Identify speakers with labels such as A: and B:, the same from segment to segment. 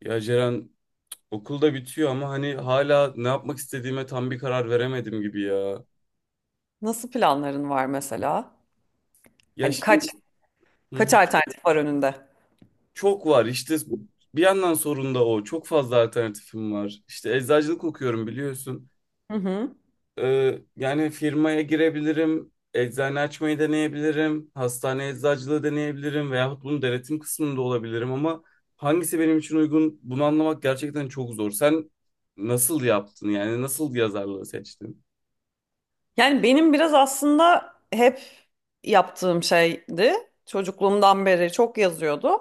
A: Ya Ceren okulda bitiyor ama hani hala ne yapmak istediğime tam bir karar veremedim gibi ya.
B: Nasıl planların var mesela?
A: Ya
B: Hani kaç
A: şimdi. Hı
B: kaç
A: hı.
B: alternatif var önünde?
A: Çok var işte, bir yandan sorun da o. Çok fazla alternatifim var. İşte eczacılık okuyorum biliyorsun.
B: Hı hı.
A: Yani firmaya girebilirim. Eczane açmayı deneyebilirim. Hastane eczacılığı deneyebilirim. Veyahut bunun denetim kısmında olabilirim ama hangisi benim için uygun bunu anlamak gerçekten çok zor. Sen nasıl yaptın, yani nasıl yazarlığı seçtin?
B: Yani benim biraz aslında hep yaptığım şeydi. Çocukluğumdan beri çok yazıyordum.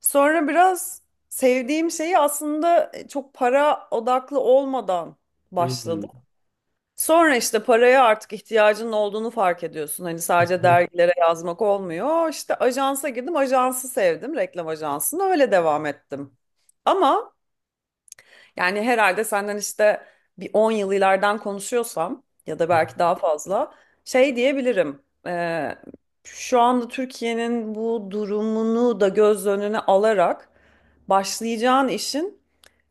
B: Sonra biraz sevdiğim şeyi aslında çok para odaklı olmadan
A: Hı
B: başladım. Sonra işte paraya artık ihtiyacının olduğunu fark ediyorsun. Hani sadece
A: hı.
B: dergilere yazmak olmuyor. İşte ajansa girdim, ajansı sevdim, reklam ajansını öyle devam ettim. Ama yani herhalde senden işte bir 10 yıl ileriden konuşuyorsam ya da belki daha fazla şey diyebilirim. Ee, Şu anda Türkiye'nin bu durumunu da göz önüne alarak başlayacağın işin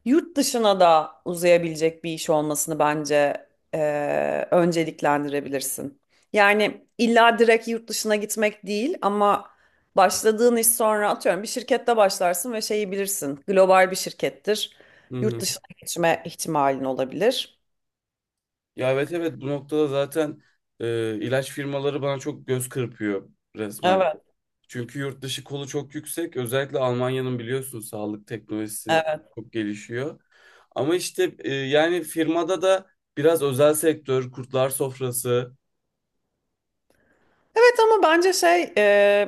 B: yurt dışına da uzayabilecek bir iş olmasını bence önceliklendirebilirsin. Yani illa direkt yurt dışına gitmek değil ama başladığın iş, sonra atıyorum bir şirkette başlarsın ve şeyi bilirsin. Global bir şirkettir.
A: Hı
B: Yurt
A: hı.
B: dışına geçme ihtimalin olabilir.
A: Ya evet, evet, bu noktada zaten ilaç firmaları bana çok göz kırpıyor resmen.
B: Evet.
A: Çünkü yurt dışı kolu çok yüksek. Özellikle Almanya'nın biliyorsun sağlık teknolojisi çok gelişiyor. Ama işte yani firmada da biraz özel sektör, kurtlar sofrası.
B: Evet, ama bence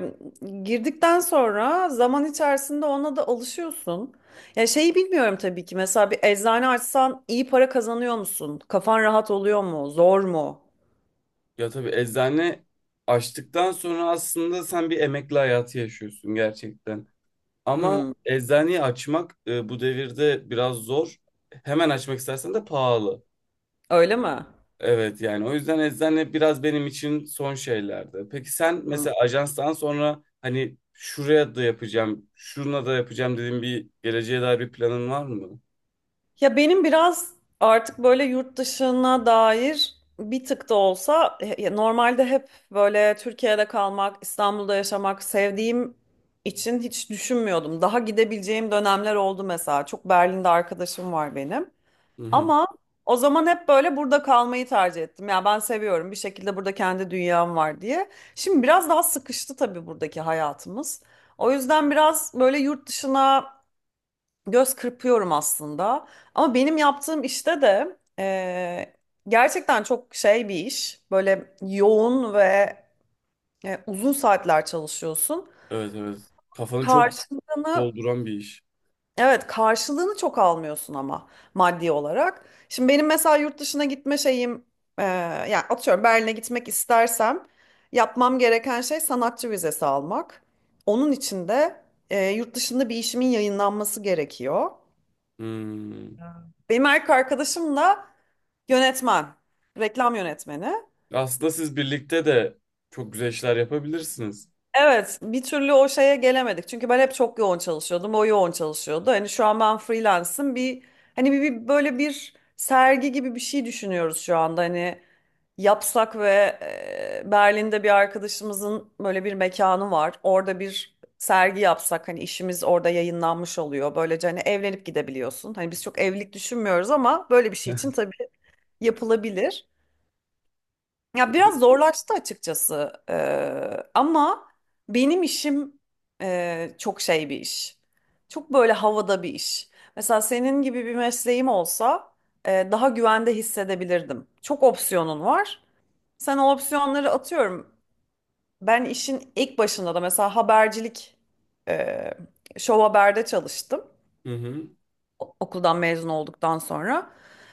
B: girdikten sonra zaman içerisinde ona da alışıyorsun. Ya şeyi bilmiyorum tabii ki, mesela bir eczane açsan iyi para kazanıyor musun? Kafan rahat oluyor mu? Zor mu?
A: Ya tabii eczane açtıktan sonra aslında sen bir emekli hayatı yaşıyorsun gerçekten. Ama
B: Hmm,
A: eczaneyi açmak, bu devirde biraz zor. Hemen açmak istersen de pahalı.
B: öyle mi?
A: Evet yani o yüzden eczane biraz benim için son şeylerdi. Peki sen
B: Hmm.
A: mesela ajanstan sonra hani şuraya da yapacağım, şuna da yapacağım dediğin bir geleceğe dair bir planın var mı?
B: Ya benim biraz artık böyle yurt dışına dair bir tık da olsa, normalde hep böyle Türkiye'de kalmak, İstanbul'da yaşamak sevdiğim için hiç düşünmüyordum. Daha gidebileceğim dönemler oldu mesela. Çok Berlin'de arkadaşım var benim.
A: Hı hı.
B: Ama o zaman hep böyle burada kalmayı tercih ettim. Ya ben seviyorum bir şekilde, burada kendi dünyam var diye. Şimdi biraz daha sıkıştı tabii buradaki hayatımız. O yüzden biraz böyle yurt dışına göz kırpıyorum aslında. Ama benim yaptığım işte de gerçekten çok şey bir iş. Böyle yoğun ve uzun saatler çalışıyorsun.
A: Evet, evet. Kafanı çok
B: Karşılığını
A: dolduran bir iş.
B: evet, karşılığını çok almıyorsun ama maddi olarak. Şimdi benim mesela yurt dışına gitme şeyim eee yani atıyorum Berlin'e gitmek istersem, yapmam gereken şey sanatçı vizesi almak. Onun için de yurt dışında bir işimin yayınlanması gerekiyor.
A: Hmm.
B: Benim erkek arkadaşımla yönetmen, reklam yönetmeni.
A: Aslında siz birlikte de çok güzel işler yapabilirsiniz.
B: Evet, bir türlü o şeye gelemedik. Çünkü ben hep çok yoğun çalışıyordum, o yoğun çalışıyordu. Hani şu an ben freelance'ım. Bir böyle bir sergi gibi bir şey düşünüyoruz şu anda. Hani yapsak ve Berlin'de bir arkadaşımızın böyle bir mekanı var. Orada bir sergi yapsak, hani işimiz orada yayınlanmış oluyor. Böylece hani evlenip gidebiliyorsun. Hani biz çok evlilik düşünmüyoruz ama böyle bir şey için tabii yapılabilir. Ya biraz zorlaştı açıkçası. Ama benim işim çok şey bir iş. Çok böyle havada bir iş. Mesela senin gibi bir mesleğim olsa daha güvende hissedebilirdim. Çok opsiyonun var. Sen o opsiyonları atıyorum. Ben işin ilk başında da mesela habercilik, e, Show Haber'de çalıştım
A: Hı hı.
B: okuldan mezun olduktan sonra.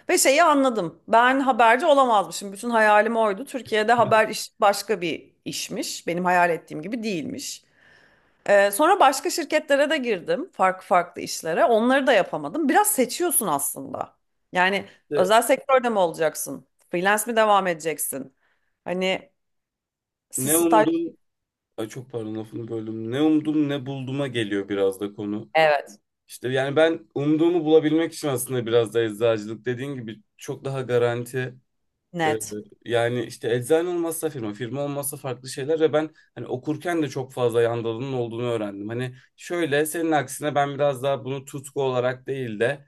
B: Ve şeyi anladım. Ben haberci olamazmışım. Bütün hayalim oydu. Türkiye'de haber iş başka bir işmiş. Benim hayal ettiğim gibi değilmiş. Sonra başka şirketlere de girdim. Farklı farklı işlere. Onları da yapamadım. Biraz seçiyorsun aslında. Yani
A: İşte
B: özel sektörde mi olacaksın? Freelance mi devam edeceksin? Hani siz
A: ne
B: staj...
A: umdum, ay çok pardon lafını böldüm. Ne umdum ne bulduğuma geliyor biraz da konu.
B: Evet.
A: İşte yani ben umduğumu bulabilmek için aslında biraz da eczacılık dediğin gibi çok daha garanti. Ee,
B: Net.
A: Yani işte eczane olmazsa firma, firma olmazsa farklı şeyler ve ben hani okurken de çok fazla yandalının olduğunu öğrendim. Hani şöyle senin aksine ben biraz daha bunu tutku olarak değil de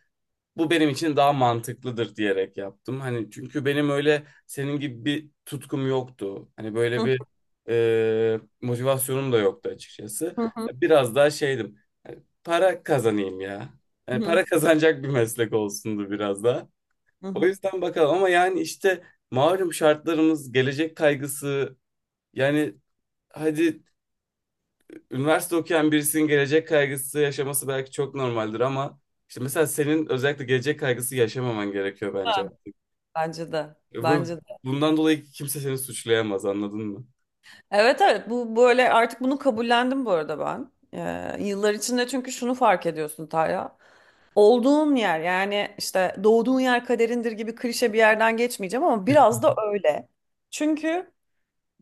A: bu benim için daha mantıklıdır diyerek yaptım. Hani çünkü benim öyle senin gibi bir tutkum yoktu. Hani böyle
B: Hı
A: bir motivasyonum da yoktu açıkçası.
B: hı. Hı
A: Biraz daha şeydim, para kazanayım ya. Yani
B: hı.
A: para kazanacak bir meslek olsundu biraz da. O
B: Hı.
A: yüzden bakalım, ama yani işte malum şartlarımız, gelecek kaygısı, yani hadi üniversite okuyan birisinin gelecek kaygısı yaşaması belki çok normaldir ama işte mesela senin özellikle gelecek kaygısı yaşamaman gerekiyor bence.
B: Bence de.
A: E, Bu-
B: Bence de.
A: Bundan dolayı kimse seni suçlayamaz, anladın mı?
B: Evet evet, bu böyle artık, bunu kabullendim bu arada ben. Yıllar içinde, çünkü şunu fark ediyorsun Taya. Olduğun yer, yani işte doğduğun yer kaderindir gibi klişe bir yerden geçmeyeceğim ama biraz da öyle. Çünkü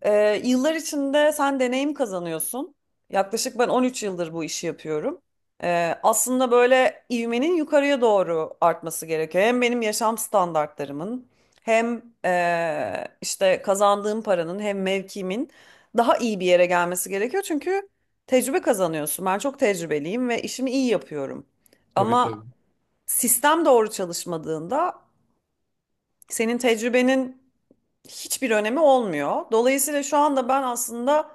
B: yıllar içinde sen deneyim kazanıyorsun. Yaklaşık ben 13 yıldır bu işi yapıyorum. Aslında böyle ivmenin yukarıya doğru artması gerekiyor. Hem benim yaşam standartlarımın hem işte kazandığım paranın hem mevkimin daha iyi bir yere gelmesi gerekiyor. Çünkü tecrübe kazanıyorsun. Ben çok tecrübeliyim ve işimi iyi yapıyorum.
A: Tabii, tabii.
B: Ama sistem doğru çalışmadığında senin tecrübenin hiçbir önemi olmuyor. Dolayısıyla şu anda ben aslında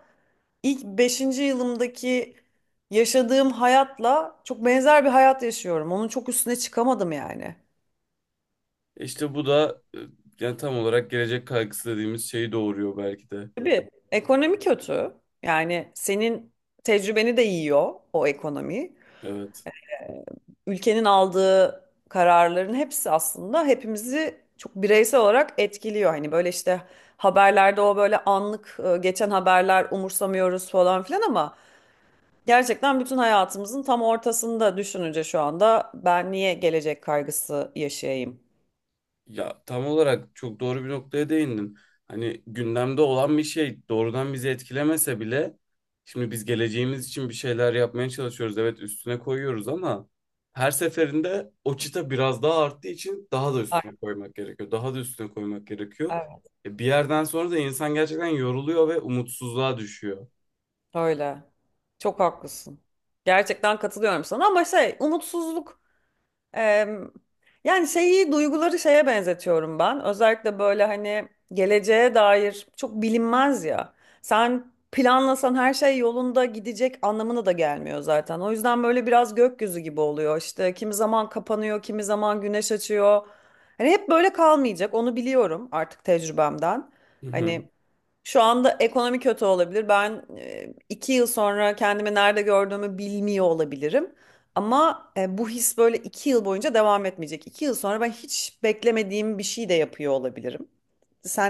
B: ilk beşinci yılımdaki yaşadığım hayatla çok benzer bir hayat yaşıyorum. Onun çok üstüne çıkamadım yani.
A: İşte bu da, yani tam olarak gelecek kaygısı dediğimiz şeyi doğuruyor belki de.
B: Tabii ekonomi kötü. Yani senin tecrübeni de yiyor o ekonomi.
A: Evet.
B: Ülkenin aldığı kararların hepsi aslında hepimizi çok bireysel olarak etkiliyor. Hani böyle işte haberlerde o böyle anlık geçen haberler umursamıyoruz falan filan ama gerçekten bütün hayatımızın tam ortasında düşününce şu anda ben niye gelecek kaygısı yaşayayım?
A: Ya tam olarak çok doğru bir noktaya değindin. Hani gündemde olan bir şey doğrudan bizi etkilemese bile şimdi biz geleceğimiz için bir şeyler yapmaya çalışıyoruz. Evet üstüne koyuyoruz ama her seferinde o çıta biraz daha arttığı için daha da
B: Ay-
A: üstüne koymak gerekiyor. Daha da üstüne koymak gerekiyor.
B: Evet.
A: Bir yerden sonra da insan gerçekten yoruluyor ve umutsuzluğa düşüyor.
B: Öyle. Çok haklısın. Gerçekten katılıyorum sana ama şey, umutsuzluk Eee, yani şeyi, duyguları şeye benzetiyorum ben. Özellikle böyle hani geleceğe dair çok bilinmez ya. Sen planlasan her şey yolunda gidecek anlamına da gelmiyor zaten. O yüzden böyle biraz gökyüzü gibi oluyor. İşte kimi zaman kapanıyor, kimi zaman güneş açıyor. Hani hep böyle kalmayacak. Onu biliyorum artık tecrübemden.
A: Hı hı.
B: Hani şu anda ekonomi kötü olabilir. Ben 2 yıl sonra kendimi nerede gördüğümü bilmiyor olabilirim. Ama bu his böyle 2 yıl boyunca devam etmeyecek. 2 yıl sonra ben hiç beklemediğim bir şey de yapıyor olabilirim.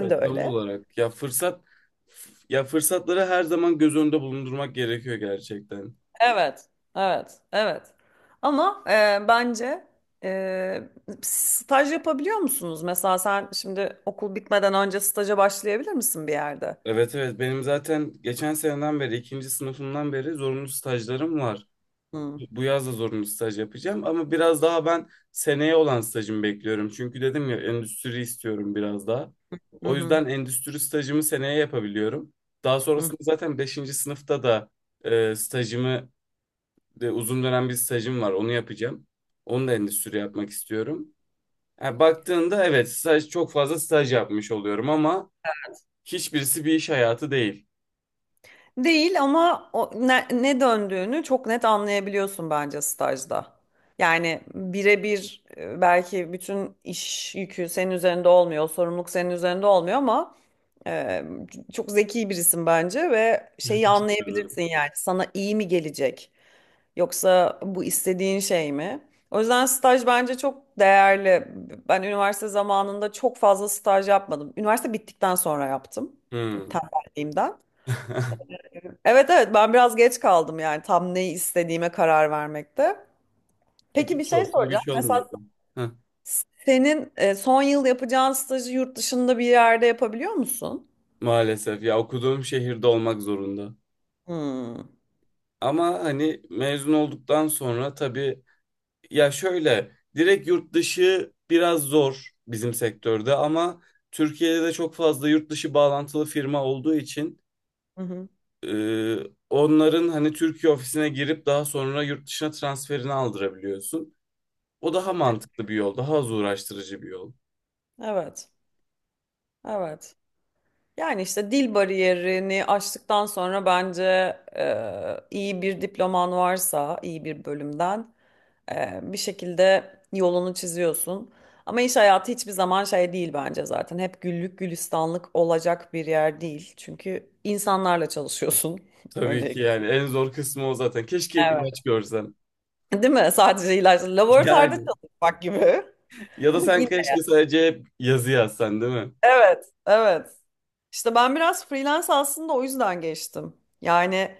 A: Ya
B: de
A: tam
B: öyle.
A: olarak ya fırsat ya fırsatları her zaman göz önünde bulundurmak gerekiyor gerçekten.
B: Evet, evet, evet. Ama bence e, staj yapabiliyor musunuz? Mesela sen şimdi okul bitmeden önce staja başlayabilir misin bir yerde?
A: Evet, evet, benim zaten geçen seneden beri, ikinci sınıfımdan beri zorunlu stajlarım var.
B: Hı.
A: Bu yaz da zorunlu staj yapacağım ama biraz daha ben seneye olan stajımı bekliyorum. Çünkü dedim ya endüstri istiyorum biraz daha.
B: Hı
A: O
B: hı.
A: yüzden endüstri stajımı seneye yapabiliyorum. Daha sonrasında zaten beşinci sınıfta da stajımı, uzun dönem bir stajım var, onu yapacağım. Onu da endüstri yapmak istiyorum. Yani baktığında evet staj, çok fazla staj yapmış oluyorum ama hiçbirisi bir iş hayatı değil.
B: Değil ama o ne, ne döndüğünü çok net anlayabiliyorsun bence stajda. Yani birebir, belki bütün iş yükü senin üzerinde olmuyor, sorumluluk senin üzerinde olmuyor ama e, çok zeki birisin bence ve şeyi
A: Teşekkür ederim.
B: anlayabilirsin, yani sana iyi mi gelecek yoksa bu istediğin şey mi? O yüzden staj bence çok değerli. Ben üniversite zamanında çok fazla staj yapmadım. Üniversite bittikten sonra yaptım
A: Hmm.
B: tembelliğimden. Evet evet, ben biraz geç kaldım yani tam neyi istediğime karar vermekte. Peki bir
A: Güç
B: şey
A: olsun,
B: soracağım.
A: güç
B: Mesela
A: olmasın. Heh,
B: senin son yıl yapacağın stajı yurt dışında bir yerde yapabiliyor musun?
A: maalesef ya, okuduğum şehirde olmak zorunda.
B: Hmm.
A: Ama hani mezun olduktan sonra tabii, ya şöyle direkt yurt dışı biraz zor bizim sektörde ama Türkiye'de de çok fazla yurt dışı bağlantılı firma olduğu için
B: Hı hı.
A: e, onların hani Türkiye ofisine girip daha sonra yurt dışına transferini aldırabiliyorsun. O daha mantıklı bir yol, daha az uğraştırıcı bir yol.
B: Evet. Evet. Yani işte dil bariyerini aştıktan sonra bence iyi bir diploman varsa iyi bir bölümden, bir şekilde yolunu çiziyorsun. Ama iş hayatı hiçbir zaman şey değil bence zaten. Hep güllük gülistanlık olacak bir yer değil. Çünkü insanlarla çalışıyorsun
A: Tabii ki yani
B: öncelikle.
A: en zor kısmı o zaten. Keşke hep
B: Evet.
A: ilaç görsem.
B: Değil mi? Sadece ilaçla laboratuvarda
A: Yani
B: çalışmak gibi.
A: ya da
B: Ama
A: sen
B: yine
A: keşke sadece yazı yazsan, değil mi?
B: evet, evet. İşte ben biraz freelance aslında o yüzden geçtim. Yani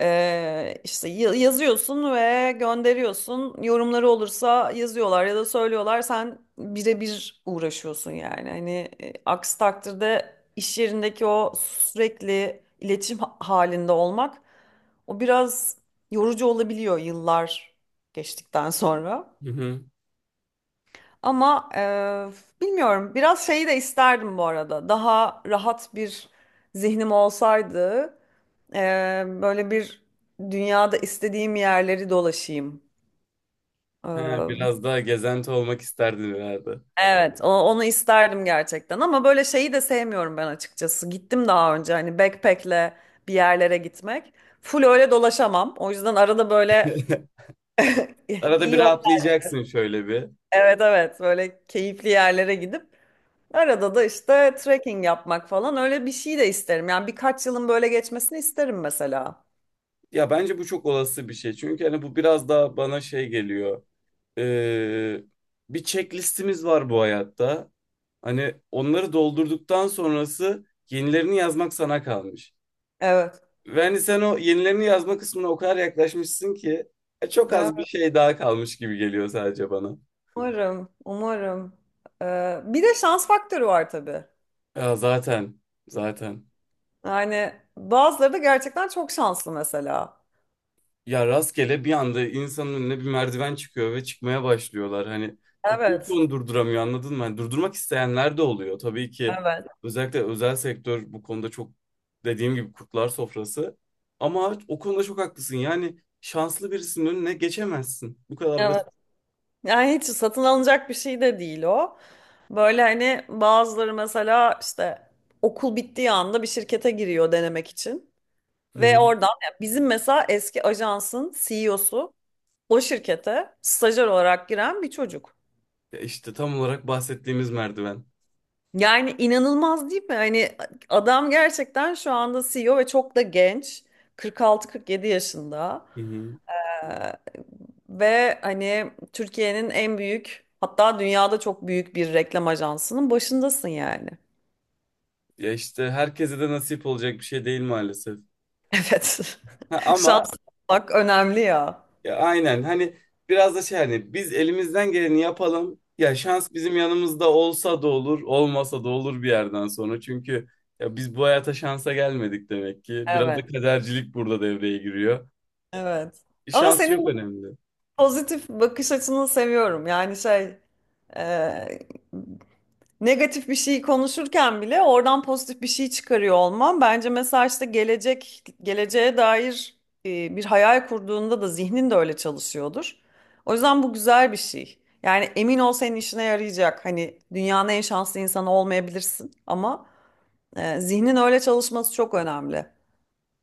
B: İşte yazıyorsun ve gönderiyorsun. Yorumları olursa yazıyorlar ya da söylüyorlar. Sen birebir uğraşıyorsun yani. Hani aksi takdirde iş yerindeki o sürekli iletişim halinde olmak o biraz yorucu olabiliyor yıllar geçtikten sonra.
A: Hı hı.
B: Ama bilmiyorum, biraz şeyi de isterdim bu arada. Daha rahat bir zihnim olsaydı, böyle bir dünyada istediğim yerleri dolaşayım.
A: Ha,
B: Eee,
A: biraz daha gezenti olmak isterdin herhalde.
B: evet onu isterdim gerçekten ama böyle şeyi de sevmiyorum ben açıkçası. Gittim daha önce hani backpack'le bir yerlere gitmek. Full öyle dolaşamam. O yüzden arada böyle
A: Arada bir
B: iyi o-
A: rahatlayacaksın şöyle bir.
B: evet evet, böyle keyifli yerlere gidip arada da işte trekking yapmak falan, öyle bir şey de isterim. Yani birkaç yılın böyle geçmesini isterim mesela.
A: Ya bence bu çok olası bir şey. Çünkü hani bu biraz daha bana şey geliyor. Ee, Bir checklistimiz var bu hayatta. Hani onları doldurduktan sonrası yenilerini yazmak sana kalmış.
B: Evet.
A: Ve hani sen o yenilerini yazma kısmına o kadar yaklaşmışsın ki çok az bir
B: Evet,
A: şey daha kalmış gibi geliyor sadece bana.
B: umarım, umarım. Bir de şans faktörü var tabii.
A: Ya zaten,
B: Yani bazıları da gerçekten çok şanslı mesela.
A: ya rastgele bir anda insanın önüne bir merdiven çıkıyor ve çıkmaya başlıyorlar. Hani ve kimse
B: Evet,
A: onu durduramıyor, anladın mı? Hani durdurmak isteyenler de oluyor. Tabii ki
B: evet,
A: özellikle özel sektör bu konuda çok, dediğim gibi, kurtlar sofrası. Ama o konuda çok haklısın. Yani şanslı birisinin önüne geçemezsin. Bu kadar
B: evet.
A: basit.
B: Yani hiç satın alınacak bir şey de değil o. Böyle hani bazıları mesela işte okul bittiği anda bir şirkete giriyor denemek için.
A: Hı
B: Ve
A: hı.
B: oradan yani bizim mesela eski ajansın CEO'su o şirkete stajyer olarak giren bir çocuk.
A: Ya işte tam olarak bahsettiğimiz merdiven.
B: Yani inanılmaz değil mi? Hani adam gerçekten şu anda CEO ve çok da genç. 46-47 yaşında.
A: Hı hı.
B: Ee, Ve hani Türkiye'nin en büyük, hatta dünyada çok büyük bir reklam ajansının başındasın yani.
A: Ya işte herkese de nasip olacak bir şey değil maalesef.
B: Evet.
A: Ha,
B: Şanslı
A: ama
B: olmak önemli ya.
A: ya aynen, hani biraz da şey, hani biz elimizden geleni yapalım. Ya şans bizim yanımızda olsa da olur, olmasa da olur bir yerden sonra. Çünkü ya biz bu hayata şansa gelmedik demek ki. Biraz da
B: Evet,
A: kadercilik burada devreye giriyor.
B: evet. Ama
A: Şans
B: senin
A: çok
B: bu
A: önemli.
B: pozitif bakış açını seviyorum. Yani şey, e, negatif bir şeyi konuşurken bile oradan pozitif bir şey çıkarıyor olman. Bence mesela işte gelecek, geleceğe dair bir hayal kurduğunda da zihnin de öyle çalışıyordur. O yüzden bu güzel bir şey. Yani emin ol, senin işine yarayacak. Hani dünyanın en şanslı insanı olmayabilirsin ama zihnin öyle çalışması çok önemli.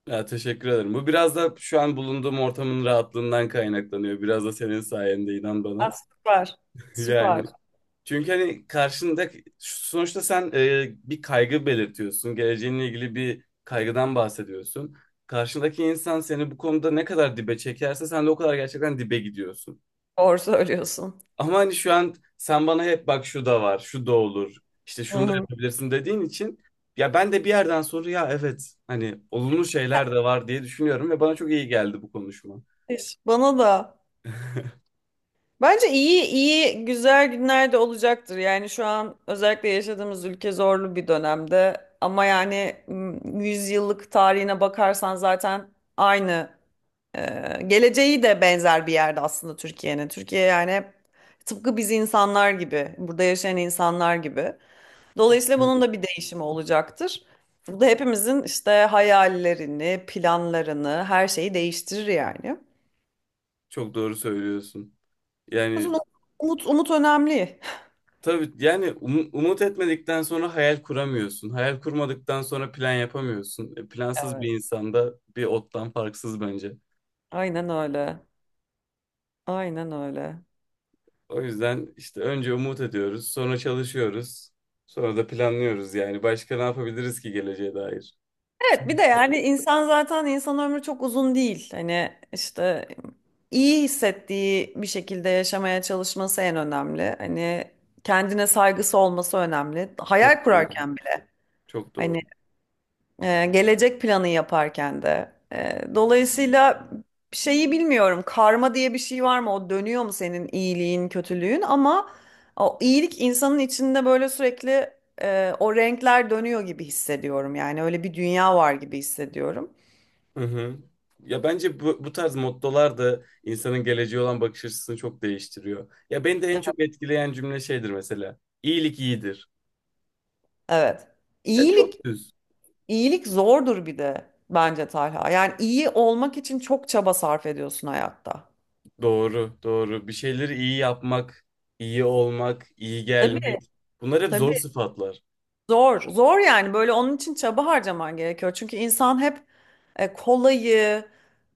A: Ya teşekkür ederim. Bu biraz da şu an bulunduğum ortamın rahatlığından kaynaklanıyor. Biraz da senin sayende, inan
B: Aa,
A: bana.
B: süper.
A: Yani
B: Süper.
A: çünkü hani karşında, sonuçta sen bir kaygı belirtiyorsun. Geleceğinle ilgili bir kaygıdan bahsediyorsun. Karşındaki insan seni bu konuda ne kadar dibe çekerse sen de o kadar gerçekten dibe gidiyorsun.
B: Doğru söylüyorsun.
A: Ama hani şu an sen bana hep bak şu da var, şu da olur, işte
B: Hı
A: şunu da
B: hı.
A: yapabilirsin dediğin için ya ben de bir yerden sonra ya evet hani olumlu şeyler de var diye düşünüyorum ve bana çok iyi geldi bu konuşma.
B: Müthiş. Bana da. Bence iyi iyi güzel günler de olacaktır. Yani şu an özellikle yaşadığımız ülke zorlu bir dönemde. Ama yani yüzyıllık tarihine bakarsan zaten aynı geleceği de benzer bir yerde aslında Türkiye'nin. Türkiye yani hep tıpkı biz insanlar gibi, burada yaşayan insanlar gibi. Dolayısıyla bunun da bir değişimi olacaktır. Bu da hepimizin işte hayallerini, planlarını, her şeyi değiştirir yani.
A: Çok doğru söylüyorsun.
B: O
A: Yani
B: yüzden umut, umut önemli.
A: tabii yani umut etmedikten sonra hayal kuramıyorsun. Hayal kurmadıktan sonra plan yapamıyorsun. E, plansız
B: Evet,
A: bir insanda bir ottan farksız bence.
B: aynen öyle. Aynen öyle.
A: O yüzden işte önce umut ediyoruz, sonra çalışıyoruz, sonra da planlıyoruz yani. Başka ne yapabiliriz ki geleceğe dair?
B: Evet, bir de
A: Sonuçta
B: yani insan zaten, insan ömrü çok uzun değil. Hani işte iyi hissettiği bir şekilde yaşamaya çalışması en önemli. Hani kendine saygısı olması önemli.
A: çok
B: Hayal
A: doğru.
B: kurarken bile.
A: Çok doğru.
B: Hani gelecek planı yaparken de. Dolayısıyla şeyi bilmiyorum. Karma diye bir şey var mı? O dönüyor mu senin iyiliğin, kötülüğün? Ama o iyilik insanın içinde böyle sürekli o renkler dönüyor gibi hissediyorum. Yani öyle bir dünya var gibi hissediyorum.
A: Hı hı. Ya bence bu tarz mottolar da insanın geleceğe olan bakış açısını çok değiştiriyor. Ya beni de en çok etkileyen cümle şeydir mesela. İyilik iyidir.
B: Evet.
A: Ya
B: İyilik,
A: çok düz.
B: iyilik zordur bir de bence Talha. Yani iyi olmak için çok çaba sarf ediyorsun hayatta.
A: Doğru, doğru. Bir şeyleri iyi yapmak, iyi olmak, iyi
B: Tabii,
A: gelmek. Bunlar hep zor
B: tabii.
A: sıfatlar.
B: Zor, zor, yani böyle onun için çaba harcaman gerekiyor. Çünkü insan hep kolayı,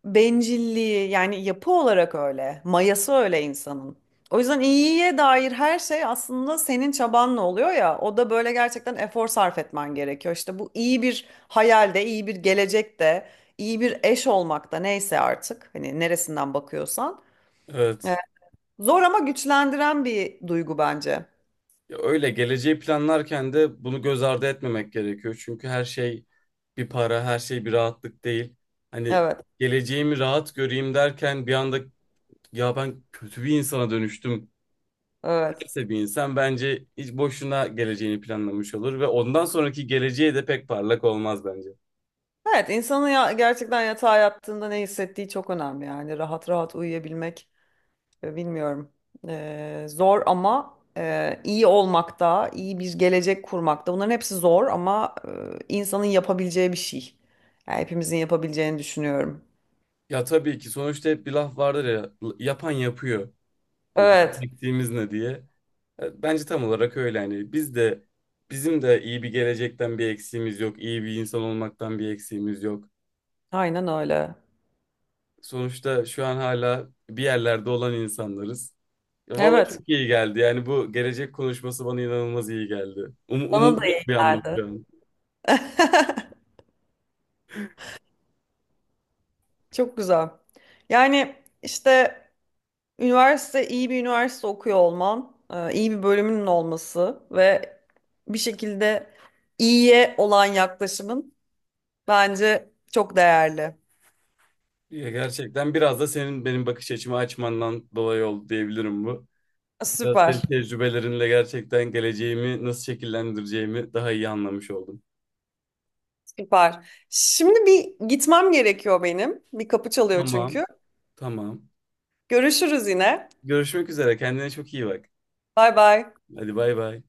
B: bencilliği, yani yapı olarak öyle. Mayası öyle insanın. O yüzden iyiye dair her şey aslında senin çabanla oluyor ya. O da böyle gerçekten efor sarf etmen gerekiyor. İşte bu iyi bir hayalde, iyi bir gelecekte, iyi bir eş olmakta, neyse artık. Hani neresinden bakıyorsan. E,
A: Evet.
B: Zor ama güçlendiren bir duygu bence.
A: Ya öyle geleceği planlarken de bunu göz ardı etmemek gerekiyor. Çünkü her şey bir para, her şey bir rahatlık değil. Hani
B: Evet,
A: geleceğimi rahat göreyim derken bir anda ya ben kötü bir insana dönüştüm.
B: evet.
A: Neyse, bir insan bence hiç boşuna geleceğini planlamış olur ve ondan sonraki geleceği de pek parlak olmaz bence.
B: Evet, insanın ya gerçekten yatağa yattığında ne hissettiği çok önemli, yani rahat rahat uyuyabilmek. Bilmiyorum. Zor ama iyi olmakta, iyi bir gelecek kurmakta. Bunların hepsi zor ama insanın yapabileceği bir şey. Yani hepimizin yapabileceğini düşünüyorum.
A: Ya tabii ki sonuçta hep bir laf vardır ya, yapan yapıyor. Hani bizim
B: Evet,
A: eksiğimiz ne diye. E, bence tam olarak öyle, yani bizim de iyi bir gelecekten bir eksiğimiz yok. İyi bir insan olmaktan bir eksiğimiz yok.
B: aynen öyle.
A: Sonuçta şu an hala bir yerlerde olan insanlarız. E, valla
B: Evet,
A: çok iyi geldi. Yani bu gelecek konuşması bana inanılmaz iyi geldi.
B: bana
A: Umutlu
B: da iyi
A: uyandım
B: geldi.
A: şu an.
B: Çok güzel. Yani işte üniversite, iyi bir üniversite okuyor olman, iyi bir bölümünün olması ve bir şekilde iyiye olan yaklaşımın bence çok değerli.
A: Ya gerçekten biraz da senin benim bakış açımı açmandan dolayı oldu diyebilirim bu. Biraz
B: Süper,
A: tecrübelerinle gerçekten geleceğimi nasıl şekillendireceğimi daha iyi anlamış oldum.
B: süper. Şimdi bir gitmem gerekiyor benim. Bir kapı çalıyor
A: Tamam,
B: çünkü.
A: tamam.
B: Görüşürüz yine.
A: Görüşmek üzere. Kendine çok iyi bak.
B: Bay bay.
A: Hadi bay bay.